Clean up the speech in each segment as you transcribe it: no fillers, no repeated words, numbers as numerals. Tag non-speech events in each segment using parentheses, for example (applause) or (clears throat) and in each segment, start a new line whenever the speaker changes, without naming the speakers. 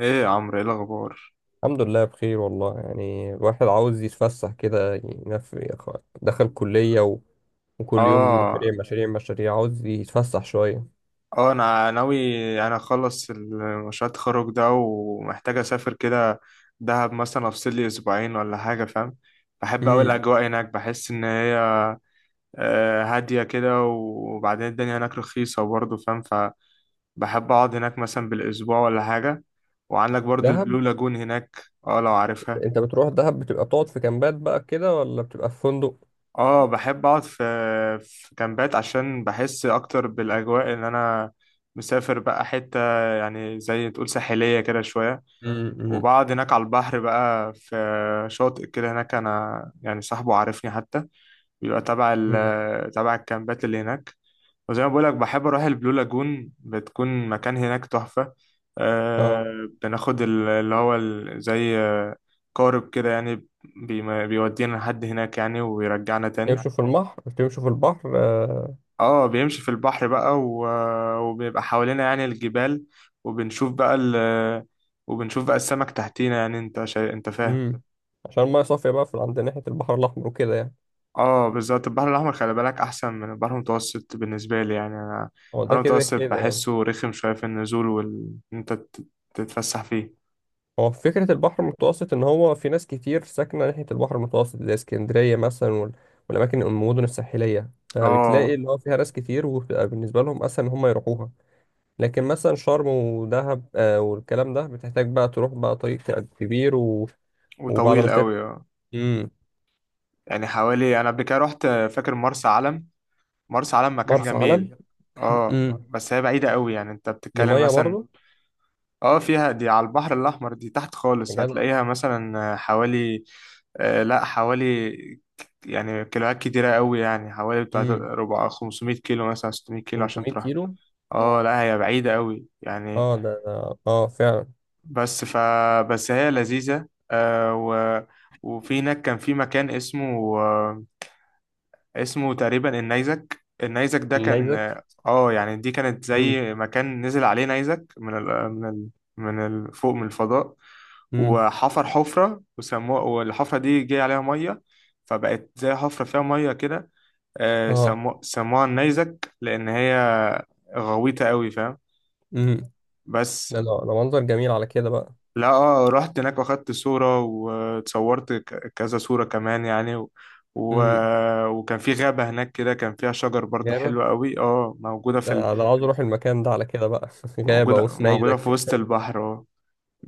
ايه يا عمرو ايه الاخبار؟
الحمد لله بخير والله. يعني الواحد عاوز يتفسح كده. دخل كلية و. وكل يوم مشاريع
اه
مشاريع مشاريع عاوز يتفسح شوية.
اه انا ناوي. انا اخلص مشروع التخرج ده ومحتاج اسافر كده، دهب مثلا، افصل لي اسبوعين ولا حاجه، فاهم. بحب اوي
امم
الاجواء هناك، بحس ان هي هاديه كده، وبعدين الدنيا هناك رخيصه برضه، فاهم. فبحب اقعد هناك مثلا بالاسبوع ولا حاجه، وعندك برضه
دهب.
البلو لاجون هناك. اه لو عارفها.
انت بتروح دهب بتبقى بتقعد في كامبات بقى كده ولا بتبقى في فندق؟
اه بحب اقعد في في كامبات، عشان بحس اكتر بالاجواء ان انا مسافر بقى حتة، يعني زي تقول ساحلية كده شوية.
امم.
وبقعد هناك على البحر بقى في شاطئ كده، هناك انا يعني صاحبه عارفني حتى. بيبقى تبع
امم.
تبع الكامبات اللي هناك. وزي ما بقولك، بحب أروح البلو لاجون، بتكون مكان هناك تحفة.
اه.
أه بناخد زي قارب كده يعني، بيودينا لحد هناك يعني ويرجعنا تاني.
يمشوا في البحر بتمشوا في البحر آه.
اه بيمشي في البحر بقى وبيبقى حوالينا يعني الجبال، وبنشوف بقى ال... وبنشوف بقى السمك تحتينا، يعني انت فاهم.
امم. عشان المية صافية بقى في عند ناحية البحر الأحمر وكده يعني.
اه بالظبط، البحر الاحمر خلي بالك احسن من البحر المتوسط بالنسبه لي. يعني انا
هو
البحر
ده كده
المتوسط
كده يعني.
بحسه رخم شويه في النزول وال إن انت تتفسح فيه.
هو فكرة البحر المتوسط إن هو في ناس كتير ساكنة ناحية البحر المتوسط زي اسكندرية مثلا والأماكن المدن الساحلية، فبتلاقي
اه
اللي هو فيها ناس كتير وبتبقى بالنسبة لهم أسهل إن هم يروحوها. لكن مثلا شرم ودهب آه، والكلام ده بتحتاج بقى تروح بقى طريق كبير و. وبعد ما
وطويل قوي اه.
مم.
يعني حوالي انا قبل كده رحت، فاكر، مرسى علم. مرسى علم مكان
مرسى علم.
جميل
(clears throat)
اه،
مم.
بس هي بعيده قوي، يعني انت
دي
بتتكلم
مية
مثلا.
برضه.
اه فيها، دي على البحر الأحمر، دي تحت
يا
خالص،
جدع.
هتلاقيها مثلا حوالي، آه لا حوالي، يعني كيلوات كتيرة قوي، يعني حوالي بتاع
مم.
ربع 500 كيلو مثلا، 600 كيلو عشان
500
تروح.
كيلو.
اه لا هي بعيدة قوي يعني.
اه. اه فعلا.
بس ف بس هي لذيذة آه. وفي هناك كان في مكان اسمه، اسمه تقريبا النيزك. النيزك ده كان
النيزك.
اه، يعني دي كانت
مم.
زي مكان نزل عليه نيزك من فوق من الفضاء،
مم.
وحفر حفرة وسموها، والحفرة دي جه عليها مية، فبقت زي حفرة فيها مية كده. آه،
اه
سموها النيزك لأن هي غويطة قوي، فاهم. بس
ده منظر جميل على كده بقى.
لا اه، رحت هناك واخدت صورة واتصورت كذا صورة كمان يعني و...
امم.
وكان في غابة هناك كده، كان فيها شجر برضو
غابة.
حلوة قوي اه، موجودة
ده أنا عاوز اروح المكان ده على كده بقى (laughs) غابة
موجودة في
ونيزك.
وسط البحر اه.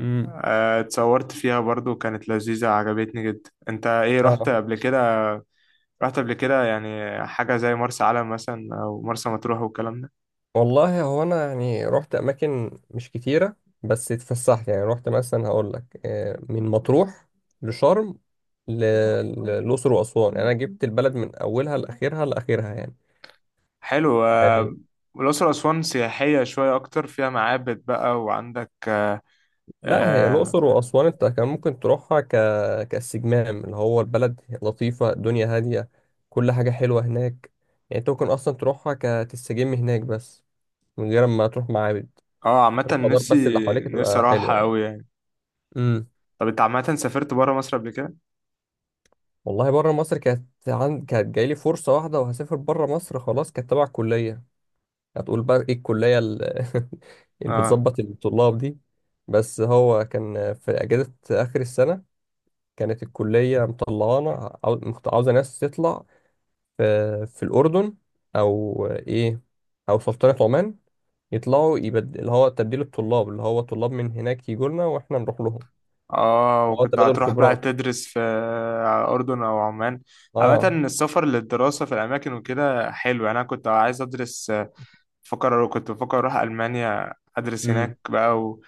امم.
آه، اتصورت فيها برضو، كانت لذيذة عجبتني جدا. انت ايه،
(laughs)
رحت
اه.
قبل كده؟ رحت قبل كده يعني حاجة زي مرسى علم مثلا او مرسى مطروح والكلام ده.
والله هو انا يعني رحت اماكن مش كتيرة. بس اتفسحت، يعني رحت مثلا. هقول لك آه، من مطروح لشرم ل- للأقصر وأسوان. يعني انا جبت البلد من اولها لاخرها لاخرها يعني.
حلو
يعني
آه، الأقصر وأسوان سياحية شوية أكتر، فيها معابد بقى، وعندك آه،
لا، هي
آه،
الأقصر وأسوان أنت كان ممكن تروحها كاستجمام. اللي هو البلد لطيفة، الدنيا هادية. كل حاجة حلوة هناك. يعني أنت ممكن أصلا تروحها كتستجم هناك، بس من غير ما تروح معابد.
اه عامة
الخضار
نفسي،
بس اللي حواليك
نفسي
تبقى حلوة
اروحها
يعني.
قوي يعني.
امم.
طب انت عامة سافرت برا مصر قبل كده؟
والله بره مصر كانت كانت جايلي فرصة واحدة وهسافر بره مصر خلاص، كانت تبع الكلية. هتقول بقى إيه الكلية (laughs) اللي
اه.
بتظبط الطلاب دي. بس هو كان في أجازة آخر السنة. كانت الكلية مطلعانا، عاوزة ناس تطلع في, في الأردن، أو إيه، أو سلطنة عمان. اللي هو تبديل الطلاب، اللي هو طلاب من هناك يجوا لنا وإحنا نروح لهم.
اه
اللي هو
وكنت
تبادل
هتروح بقى
خبرات.
تدرس في اردن او عمان. عامة
آه.
السفر للدراسة في الاماكن وكده حلو، يعني انا كنت عايز ادرس، بفكر، كنت بفكر اروح المانيا ادرس
امم.
هناك بقى، و...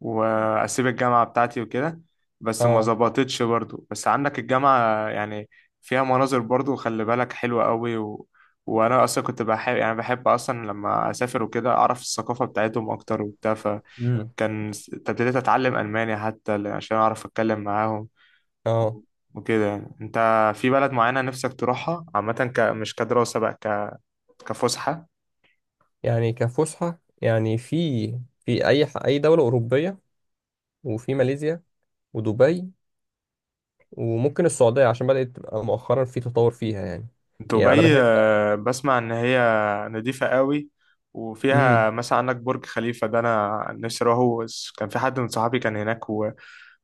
واسيب الجامعه بتاعتي وكده، بس ما
آه.
ظبطتش برضو. بس عندك الجامعه يعني فيها مناظر برضو خلي بالك حلوه قوي. و... وانا اصلا كنت بحب، يعني بحب اصلا لما اسافر وكده اعرف الثقافه بتاعتهم اكتر وبتاع.
امم.
فكان ابتديت اتعلم الماني حتى عشان اعرف اتكلم معاهم
آه.
وكده. يعني انت في بلد معينه نفسك تروحها عامه مش كدراسه بقى، كفسحه.
يعني كفسحة. يعني في أي دولة أوروبية، وفي ماليزيا، ودبي، وممكن السعودية عشان بدأت تبقى مؤخرا في تطور فيها يعني. يعني أنا
دبي
بحب.
آه، بسمع ان هي نظيفة قوي، وفيها
امم.
مثلا عندك برج خليفة. ده انا نفسي اروحه، بس كان في حد من صحابي كان هناك و-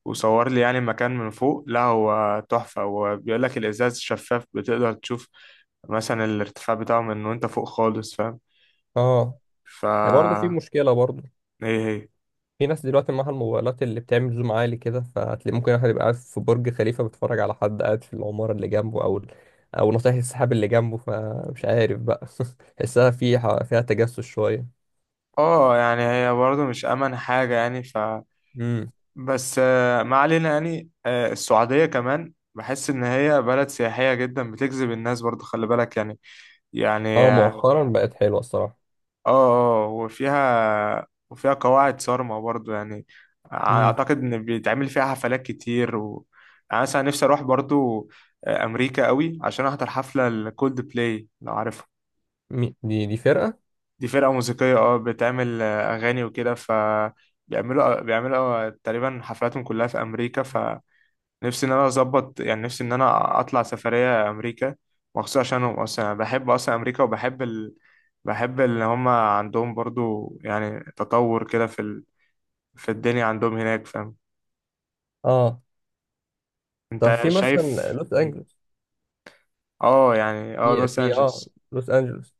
وصور لي يعني المكان من فوق، لا هو تحفة. وبيقول لك الازاز شفاف بتقدر تشوف مثلا الارتفاع بتاعه من وانت فوق خالص، فاهم.
آه.
ف
يعني برضه في مشكلة برضه.
ايه هي؟
في ناس دلوقتي معاها الموبايلات اللي بتعمل زوم عالي كده، فهتلاقي ممكن واحد يبقى قاعد في برج خليفة بيتفرج على حد قاعد في العمارة اللي جنبه، أو أو ناطح السحاب اللي جنبه، فمش عارف بقى (laughs) تحسها فيها تجسس شوية.
اه يعني هي برضه مش امن حاجة يعني.
امم.
بس آه، ما علينا يعني. آه، السعودية كمان بحس إن هي بلد سياحية جدا بتجذب الناس برضو، خلي بالك يعني، يعني
اه
اه.
مؤخرا بقت حلوة الصراحة.
اه آه، وفيها، وفيها قواعد صارمة برضو يعني.
امم.
أعتقد إن بيتعمل فيها حفلات كتير و، يعني مثلا نفسي أروح برضو آه، أمريكا قوي، عشان أحضر حفلة الكولد بلاي لو عارفها.
دي فرقة.
دي فرقة موسيقية اه، بتعمل آه، أغاني وكده. ف بيعملوا تقريبا حفلاتهم كلها في أمريكا. ف نفسي ان انا اظبط، يعني نفسي ان انا اطلع سفريه امريكا مخصوص عشانهم. اصلا انا بحب اصلا امريكا، وبحب ال، بحب ان هم عندهم برضو يعني تطور كده في ال، في الدنيا عندهم هناك، فاهم.
اه. طب
انت
في مثلا
شايف؟
لوس أنجلوس.
اه يعني اه
في
لوس
في اه
انجلس.
لوس أنجلوس.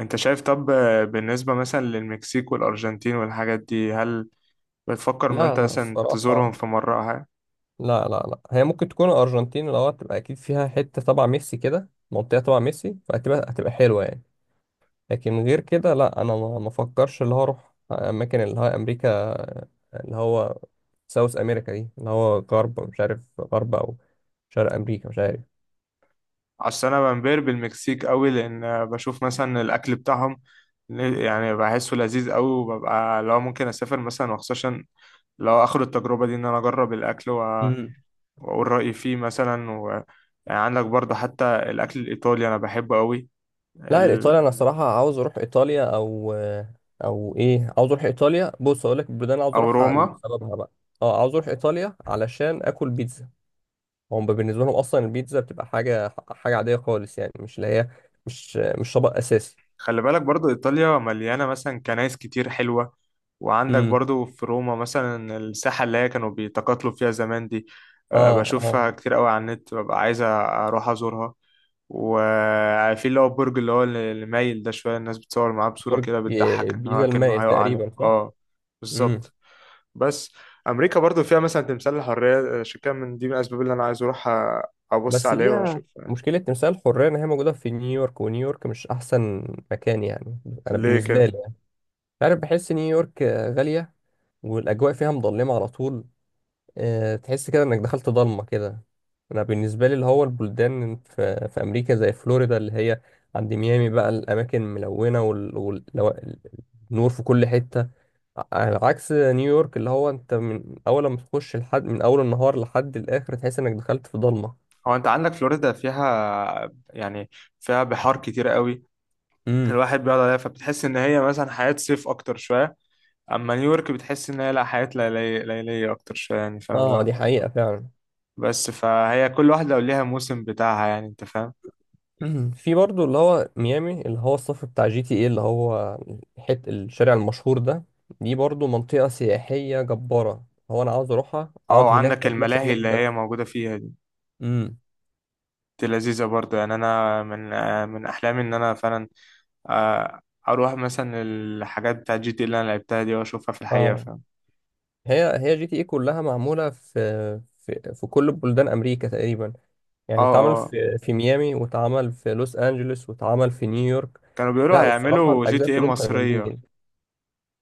انت شايف طب آه، بالنسبه مثلا للمكسيك والارجنتين والحاجات دي، هل بتفكر ان
لا
انت
لا
مثلا
الصراحة.
تزورهم في مره أو حاجة؟
لا لا لا، هي ممكن تكون الأرجنتين. لو هتبقى أكيد فيها حتة تبع ميسي كده، منطقة تبع ميسي، فهتبقى حلوة يعني. لكن غير كده لا، انا ما افكرش اللي هو اروح اماكن اللي هو امريكا. اللي هو ساوث امريكا دي، اللي هو غرب مش عارف، غرب او شرق امريكا مش عارف.
عشان انا بنبهر بالمكسيك قوي، لان بشوف مثلا الاكل بتاعهم، يعني بحسه لذيذ قوي. وببقى لو ممكن اسافر مثلا، وخصوصا لو اخد التجربه دي ان انا اجرب الاكل
امم.
واقول رايي فيه مثلا. و... يعني عندك برضه حتى الاكل الايطالي انا بحبه قوي،
لا،
ال،
ايطاليا انا صراحه عاوز اروح ايطاليا، او او ايه، عاوز اروح ايطاليا. بص اقول لك البلدان اللي عاوز
او
اروحها
روما.
وسببها بقى. اه، عاوز اروح ايطاليا علشان اكل بيتزا. هم بالنسبه لهم اصلا البيتزا بتبقى حاجه عاديه خالص يعني، مش اللي هي مش طبق اساسي.
خلي بالك برضو إيطاليا مليانة مثلا كنايس كتير حلوة. وعندك
امم.
برضو في روما مثلا الساحة اللي هي كانوا بيتقاتلوا فيها زمان دي، آه،
اه. اه.
بشوفها كتير قوي على النت، ببقى عايز أروح أزورها. وفي اللي هو البرج اللي هو اللي مايل ده شوية، الناس بتصور معاه بصورة
برج
كده بتضحك إن
بيزا
هو كأنه
المائل
هيقع عليه
تقريبا، صح؟
اه.
امم.
بالظبط. بس أمريكا برضو فيها مثلا تمثال الحرية، آه، عشان كده من دي من الأسباب اللي أنا عايز أروح أبص
بس
عليه
دي
وأشوف يعني.
مشكلة تمثال الحرية، إن هي موجودة في نيويورك، ونيويورك مش أحسن مكان يعني. أنا
ليه
بالنسبة
كده؟
لي يعني، عارف، بحس نيويورك غالية، والأجواء فيها مظلمة على طول. آه، تحس كده انك دخلت ضلمة كده. انا بالنسبة لي، اللي هو البلدان في امريكا زي فلوريدا، اللي هي عند ميامي بقى، الاماكن ملونة النور في كل حتة. على عكس نيويورك، اللي هو انت من اول ما تخش، لحد من اول النهار لحد الاخر تحس انك دخلت في ضلمة.
هو انت عندك فلوريدا فيها يعني، فيها بحار كتير قوي،
امم.
الواحد بيقعد عليها، فبتحس ان هي مثلا حياة صيف اكتر شوية. اما نيويورك بتحس ان هي لا، حياة ليلية، ليلية اكتر شوية يعني، فاهم اللي
اه
هو.
دي حقيقة فعلا.
بس فهي كل واحدة ليها موسم بتاعها، يعني انت فاهم.
(clears throat) في برضو اللي هو ميامي اللي هو الصف بتاع جي تي ايه، اللي هو حت الشارع المشهور ده، دي برضو منطقة سياحية جبارة. هو انا عاوز اروحها
اه
اقعد هناك
وعندك
او اتمشى
الملاهي
هناك
اللي هي
بس.
موجودة فيها دي،
امم.
دي لذيذة برضه يعني. انا من آه، من احلامي ان انا فعلا آه، اروح مثلا الحاجات بتاع جي تي إيه اللي انا لعبتها دي، واشوفها في الحقيقة،
اه،
فاهم.
هي جي تي ايه كلها معمولة في في كل بلدان امريكا تقريبا.
اه.
يعني اتعمل
اه
في ميامي، واتعمل في لوس انجلوس، واتعمل في نيويورك.
كانوا بيقولوا
لا، والصراحة
هيعملوا جي
الاجزاء
تي ايه
كلهم كانوا
مصرية.
جامدين.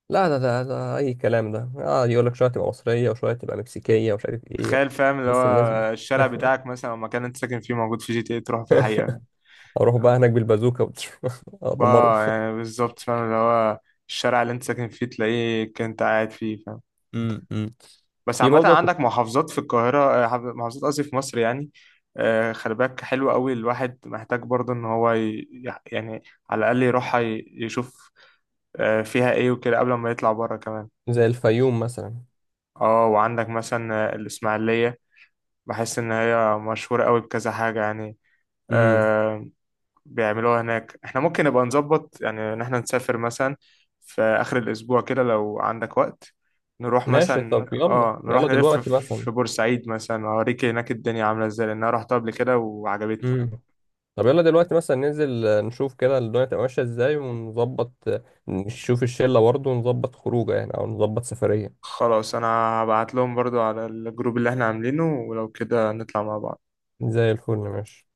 لا، ده اي كلام ده. اه يقول لك شويه تبقى مصريه وشويه تبقى مكسيكيه ومش عارف ايه.
تخيل، فاهم اللي هو،
بس الناس بت-
الشارع بتاعك مثلا او المكان اللي انت ساكن فيه موجود في جي تي اي، تروح في الحقيقة.
(laughs) اروح بقى هناك بالبازوكا (laughs)
اه
ادمره.
يعني بالظبط، فاهم اللي هو، الشارع اللي انت ساكن فيه تلاقيه كنت قاعد فيه، فاهم.
امم. أمم.
بس
في
عامة
برضه أنا كنت،
عندك محافظات في القاهرة، آه، محافظات قصدي في مصر يعني. آه، خلي بالك حلو قوي، الواحد محتاج برضه ان هو يعني على الاقل يروح يشوف آه، فيها ايه وكده قبل ما يطلع بره كمان.
زي الفيوم مثلا.
اه وعندك مثلا آه، الاسماعيلية، بحس ان هي مشهورة قوي بكذا حاجة يعني،
امم.
آه، بيعملوها هناك. احنا ممكن نبقى نظبط يعني ان احنا نسافر مثلا في اخر الاسبوع كده لو عندك وقت، نروح
ماشي طب
مثلا
يلا
اه، نروح
يلا
نلف
دلوقتي
في
مثلا.
بورسعيد مثلا، اوريك هناك الدنيا عامله ازاي، لان انا رحت قبل كده وعجبتني.
امم. طب يلا دلوقتي مثلا ننزل آه، نشوف كده الدنيا تبقى ماشيه ازاي، ونظبط آه، نشوف الشله برضه ونظبط خروجه يعني، او نظبط سفريه.
خلاص انا هبعت لهم برضو على الجروب اللي احنا عاملينه، ولو كده نطلع مع بعض.
زي الفل ماشي